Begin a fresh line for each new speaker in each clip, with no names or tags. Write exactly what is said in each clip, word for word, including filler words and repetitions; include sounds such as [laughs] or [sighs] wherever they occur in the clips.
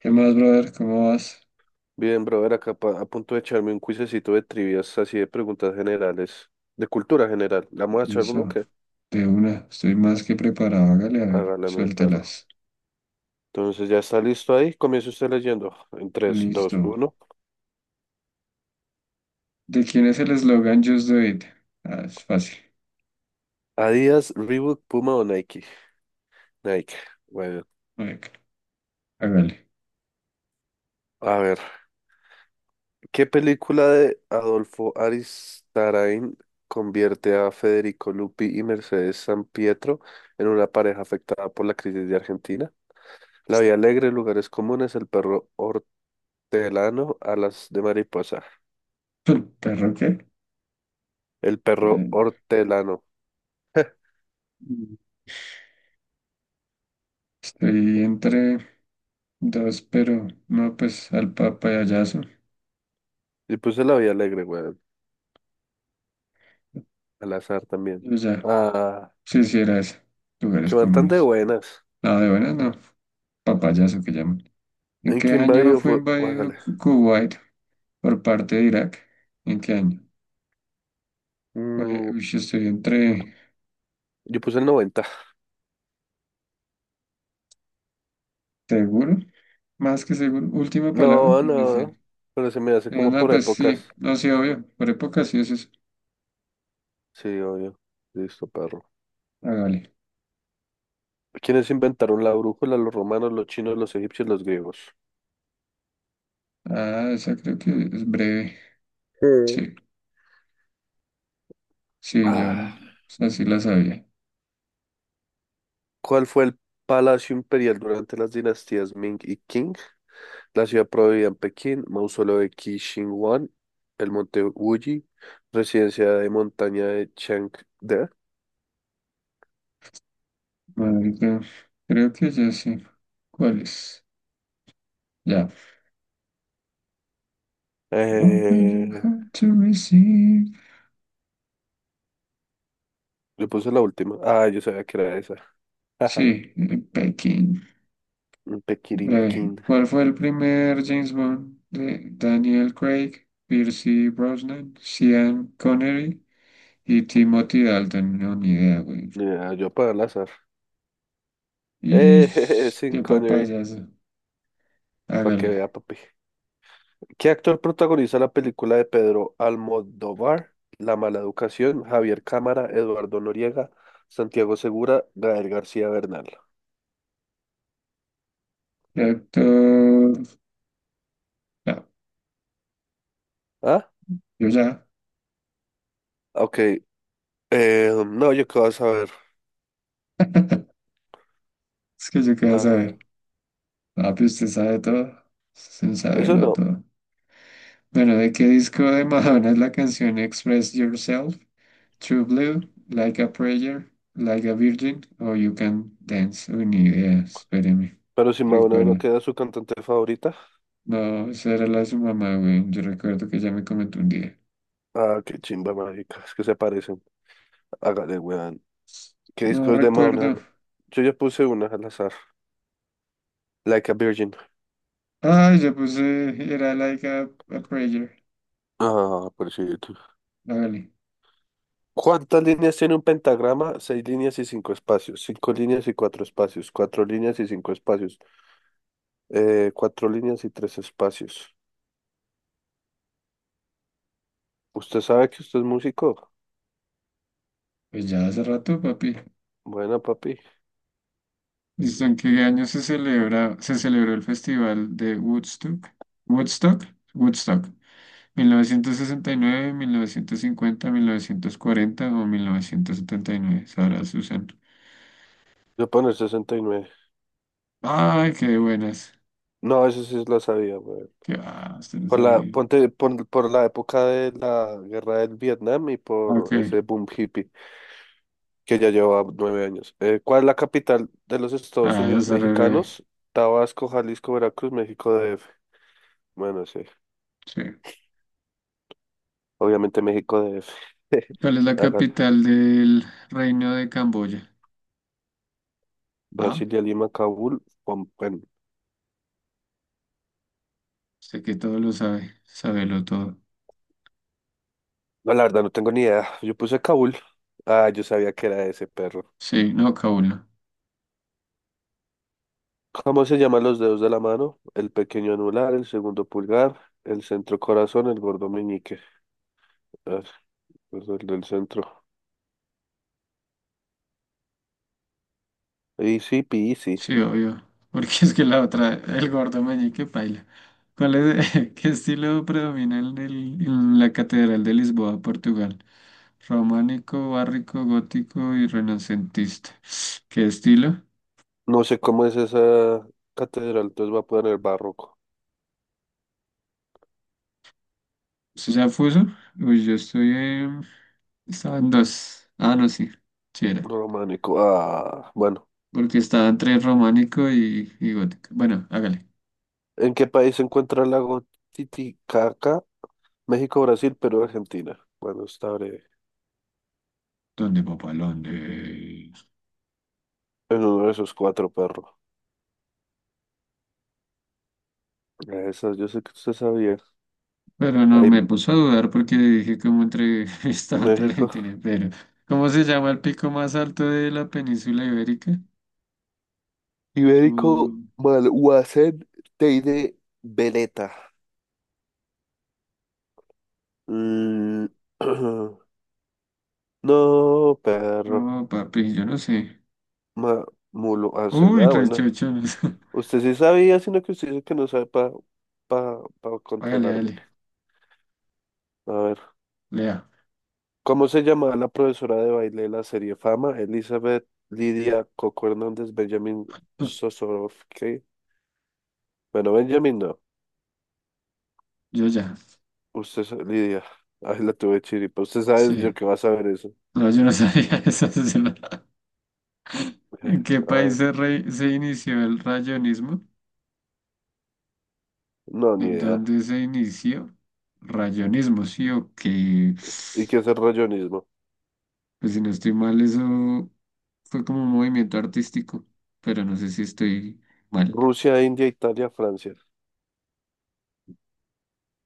¿Qué más, brother? ¿Cómo vas?
Bien, brother, acá pa- a punto de echarme un cuisecito de trivias, así de preguntas generales, de cultura general. ¿La vamos a echar uno o
Eso,
qué?
de una, estoy más que preparado. Hágale, a ver,
Hágale, mi perro.
suéltelas.
Entonces, ¿ya está listo ahí? Comienza usted leyendo. En tres dos
Listo.
uno
¿De quién es el eslogan Just Do It? Ah, es fácil.
Adidas, Reebok, Puma o Nike. Nike. Bueno,
Marica, hágale.
a ver. ¿Qué película de Adolfo Aristarain convierte a Federico Lupi y Mercedes Sampietro en una pareja afectada por la crisis de Argentina? La Vía Alegre, Lugares Comunes, El Perro Hortelano, alas de mariposa.
[laughs] ¿Perro qué?
El perro
Eh,
hortelano. [laughs]
estoy entre dos, pero no, pues al papayazo.
Y puse la vida alegre, weón. Al azar también.
Yo ya,
Ah,
sí sí, era eso.
que
Lugares
van tan de
comunes.
buenas.
Nada de buenas, no. Papayazo que llaman. ¿En
¿En
qué
qué
año
invadió
fue
fue? Bájale.
invadido Ku- Kuwait por parte de Irak? ¿En qué año? Oye,
Mm,
uy, yo estoy entre
yo puse el noventa.
seguro, más que seguro. Última palabra,
No,
es
no.
decir,
Pero se me hace
eh,
como
no,
por
pues sí,
épocas.
no, sí, obvio, por época sí es eso.
Sí, obvio. Listo, perro.
Hágale.
¿Quiénes inventaron la brújula? Los romanos, los chinos, los egipcios, los griegos.
Ah, esa creo que es breve.
Sí.
Sí, sí, ya,
Ah,
o sea, sí la sabía.
¿cuál fue el palacio imperial durante las dinastías Ming y Qing? La ciudad prohibida en Pekín, mausoleo de Qi Shi Huang, el monte Wuyi, residencia de montaña de Changde.
Marica, creo que ya sí. ¿Cuál es? Ya. Open your
Eh,
heart to receive.
yo puse la última. Ah, yo sabía que era esa. [laughs] Jaja,
Sí, eh, Pekín.
un
Breve.
Pekirinquín.
¿Cuál fue el primer James Bond de Daniel Craig, Pierce Brosnan, Sean Connery? Y Timothy Dalton, no, ni idea, güey.
Ah, yo para el azar.
Y
Eh, [laughs] jeje, Sean
qué
Connery,
papayas.
para que
Hágale.
vea, papi. ¿Qué actor protagoniza la película de Pedro Almodóvar? La mala educación, Javier Cámara, Eduardo Noriega, Santiago Segura, Gael García Bernal.
Y actor. No,
¿Ah?
yo ya.
Ok. Eh, no, yo qué vas a ver.
[laughs] Es que yo qué vas a
Ah,
ver. Papi, usted sabe todo. Usted sabe
eso
lo
no.
todo. Bueno, ¿de qué disco de Madonna es la canción Express Yourself? True Blue, Like a Prayer, Like a Virgin o You Can Dance. Uy, ni idea, espéreme.
Pero si Madonna no
Recuerda,
queda su cantante favorita.
no, esa era la de su mamá, güey. Yo recuerdo que ella me comentó un día.
Ah, qué chimba mágica. Es que se parecen. Hágale, weón. ¿Qué
No
discos de Madonna?
recuerdo.
Yo ya puse una al azar. Like a Virgin.
Ah, yo puse, era like a, a prayer.
Ah, por cierto.
Hágale.
¿Cuántas líneas tiene un pentagrama? Seis líneas y cinco espacios. Cinco líneas y cuatro espacios. Cuatro líneas y cinco espacios. Eh, cuatro líneas y tres espacios. ¿Usted sabe que usted es músico?
Pues ya hace rato, papi.
Bueno, papi.
¿Listo? ¿En qué año se celebra, se celebró el festival de Woodstock? Woodstock, Woodstock. mil novecientos sesenta y nueve, mil novecientos cincuenta, mil novecientos cuarenta o mil novecientos setenta y nueve. Sara Susan.
Voy a poner sesenta y nueve.
Ay, qué buenas.
No, esa sí la sabía, weón.
Qué ah, usted no
Por la,
sabía.
ponte, por, por la época de la guerra del Vietnam y por
Ok.
ese boom hippie que ya lleva nueve años. Eh, ¿cuál es la capital de los Estados
Ah, eso
Unidos
está re breve.
mexicanos? Tabasco, Jalisco, Veracruz, México D F. Bueno, sí,
Sí.
obviamente México D F. [laughs]
¿Cuál es la
Hágale.
capital del Reino de Camboya? A.
Brasilia, Lima, Kabul. Pom- Bueno,
Sé que todo lo sabe, sabelo todo.
no, la verdad no tengo ni idea. Yo puse Kabul. Ah, yo sabía que era ese perro.
Sí, no, Kaula.
¿Cómo se llaman los dedos de la mano? El pequeño anular, el segundo pulgar, el centro corazón, el gordo meñique. Ah, pues el del centro. Easy peasy.
Sí, obvio. [laughs] Porque es que la otra, el gordo meñique paila. ¿Cuál es, [laughs] qué estilo predomina en, el- en la Catedral de Lisboa, Portugal? Románico, barroco, gótico y renacentista. ¿Qué estilo?
No sé cómo es esa catedral, entonces va a poner barroco,
¿Eso ya puso? Uy, yo estoy en... Estaba en dos. Ah, no, sí. Sí era.
románico. Ah, bueno.
Porque estaba entre románico y, y gótico. Bueno, hágale.
¿En qué país se encuentra el lago Titicaca? México, Brasil, Perú, Argentina. Bueno, está breve.
¿Dónde, papá? ¿Dónde?
En uno de esos cuatro perros. Esas, yo sé que usted sabía.
Pero no
Hay
me puso a dudar porque dije cómo entre [laughs] estaba entre
México.
Argentina. Pero, ¿cómo se llama el pico más alto de la península ibérica?
Ibérico,
Uh,
Malhuacén, Teide, Veleta. Mm, [clears throat] No, perro.
no, papi, yo no sé.
Ma, mulo, hacen.
Uy,
Ah, bueno,
rechocho, no sé.
usted sí sabía, sino que usted dice que no sabe para pa, pa pa
[laughs] Hágale,
controlarme.
dale.
A ver,
Lea.
¿cómo se llamaba la profesora de baile de la serie Fama? Elizabeth Lidia Coco Hernández, Benjamin
[laughs]
Sosorovsky. Bueno, Benjamin no.
Yo ya.
Usted, sa- Lidia. Ay, la tuve chiripa. Usted sabe yo
Sí.
que va a saber eso.
No, yo no sabía [laughs] eso, sí, no. ¿En
Eh,
qué
A
país
ver,
se, re- se inició el rayonismo?
no, ni
¿En
idea.
dónde se inició? Rayonismo, sí, o que
¿Y qué es el rayonismo?
pues si no estoy mal, eso. Fue como un movimiento artístico, pero no sé si estoy mal.
Rusia, India, Italia, Francia.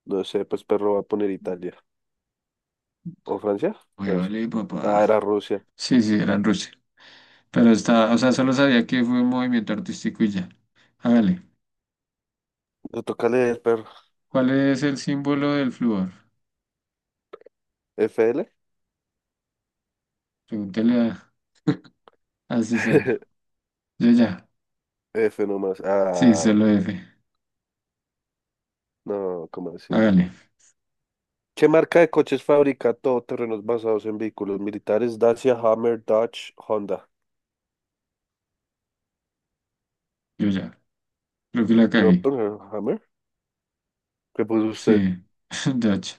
No sé, pues perro va a poner Italia. ¿O Francia?
Oye,
Francia.
vale, papá.
Ah, era Rusia.
Sí, sí, era en Rusia. Pero estaba, o sea, solo sabía que fue un movimiento artístico y ya. Hágale.
Le toca leer, perro.
¿Cuál es el símbolo del flúor?
¿F L?
Pregúntale a, a Susana.
[laughs]
Yo ya.
F nomás.
Sí,
Ah,
solo F.
no, ¿cómo así?
Hágale.
¿Qué marca de coches fabrica todoterrenos basados en vehículos militares? Dacia, Hammer, Dodge, Honda.
Yo ya. Creo que la
Yo
cagué.
poner Hammer. ¿Qué puso usted?
Sí. [laughs] Dutch.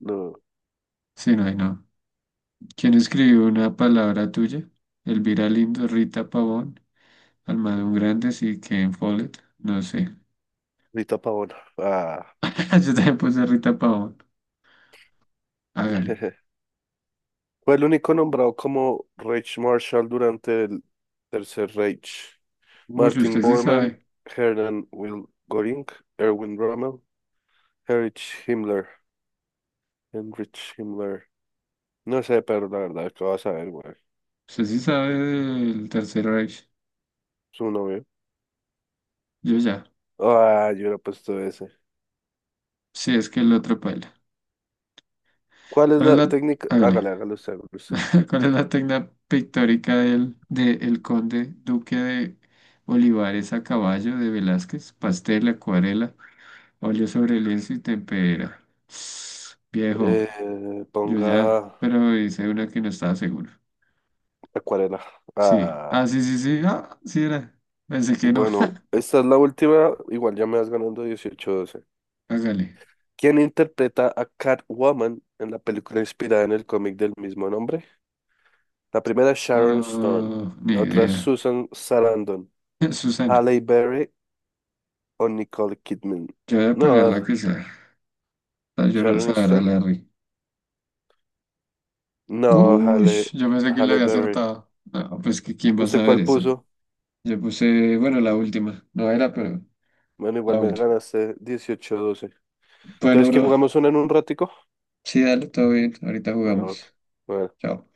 No,
Sí, no, ahí no. ¿Quién escribió una palabra tuya? Elvira Lindo, Rita Pavón, Almadón Grandes y Ken Follett. No sé.
Rita Pavón. Ah,
[laughs] Yo también puse Rita Pavón. Hágale.
[laughs] fue el único nombrado como Reich Marshal durante el Tercer Reich.
Uy,
Martin
usted sí
Bormann,
sabe.
Hermann Will Göring, Erwin Rommel, Heinrich Himmler. Heinrich Himmler. No sé, pero la verdad, ¿qué vas a ver, güey?
Usted sí sabe del Tercer Reich.
Su nombre.
Yo ya.
Ah, yo hubiera puesto ese.
Sí, es que el otro paila.
¿Cuál es
¿Cuál es
la
la...
técnica?
Hágale.
Hágale, hágale usted, hágale usted.
[laughs] ¿Cuál es la técnica pictórica del, de el conde duque de Olivares a caballo de Velázquez? Pastel, acuarela, óleo sobre lienzo y tempera. [sighs] Viejo,
Eh,
yo
ponga
ya. Pero hice una que no estaba seguro.
acuarela.
Sí. Ah,
Ah,
sí, sí, sí. Ah, sí era. Pensé que no.
bueno,
[laughs]
esta es la última. Igual ya me vas ganando dieciocho doce.
Hágale.
¿Quién interpreta a Catwoman en la película inspirada en el cómic del mismo nombre? La primera es Sharon Stone.
No, ni
La otra es
idea.
Susan Sarandon.
[laughs] Susana,
Halle Berry o Nicole Kidman.
yo voy a poner ponerla
No,
quizá. La llorosa
Sharon
a
Stone.
Larry.
No,
Uy,
Halle,
yo pensé que le
Halle
había
Berry.
acertado. No, pues que quién va a
¿Usted
saber
cuál
eso.
puso?
Yo puse, bueno, la última. No era, pero
Bueno, igual
la
me
última.
ganaste 18 doce.
Bueno,
Entonces, ¿qué
bro.
jugamos una en un ratico?
Sí, dale, todo bien. Ahorita
Bueno,
jugamos.
bueno.
Chao.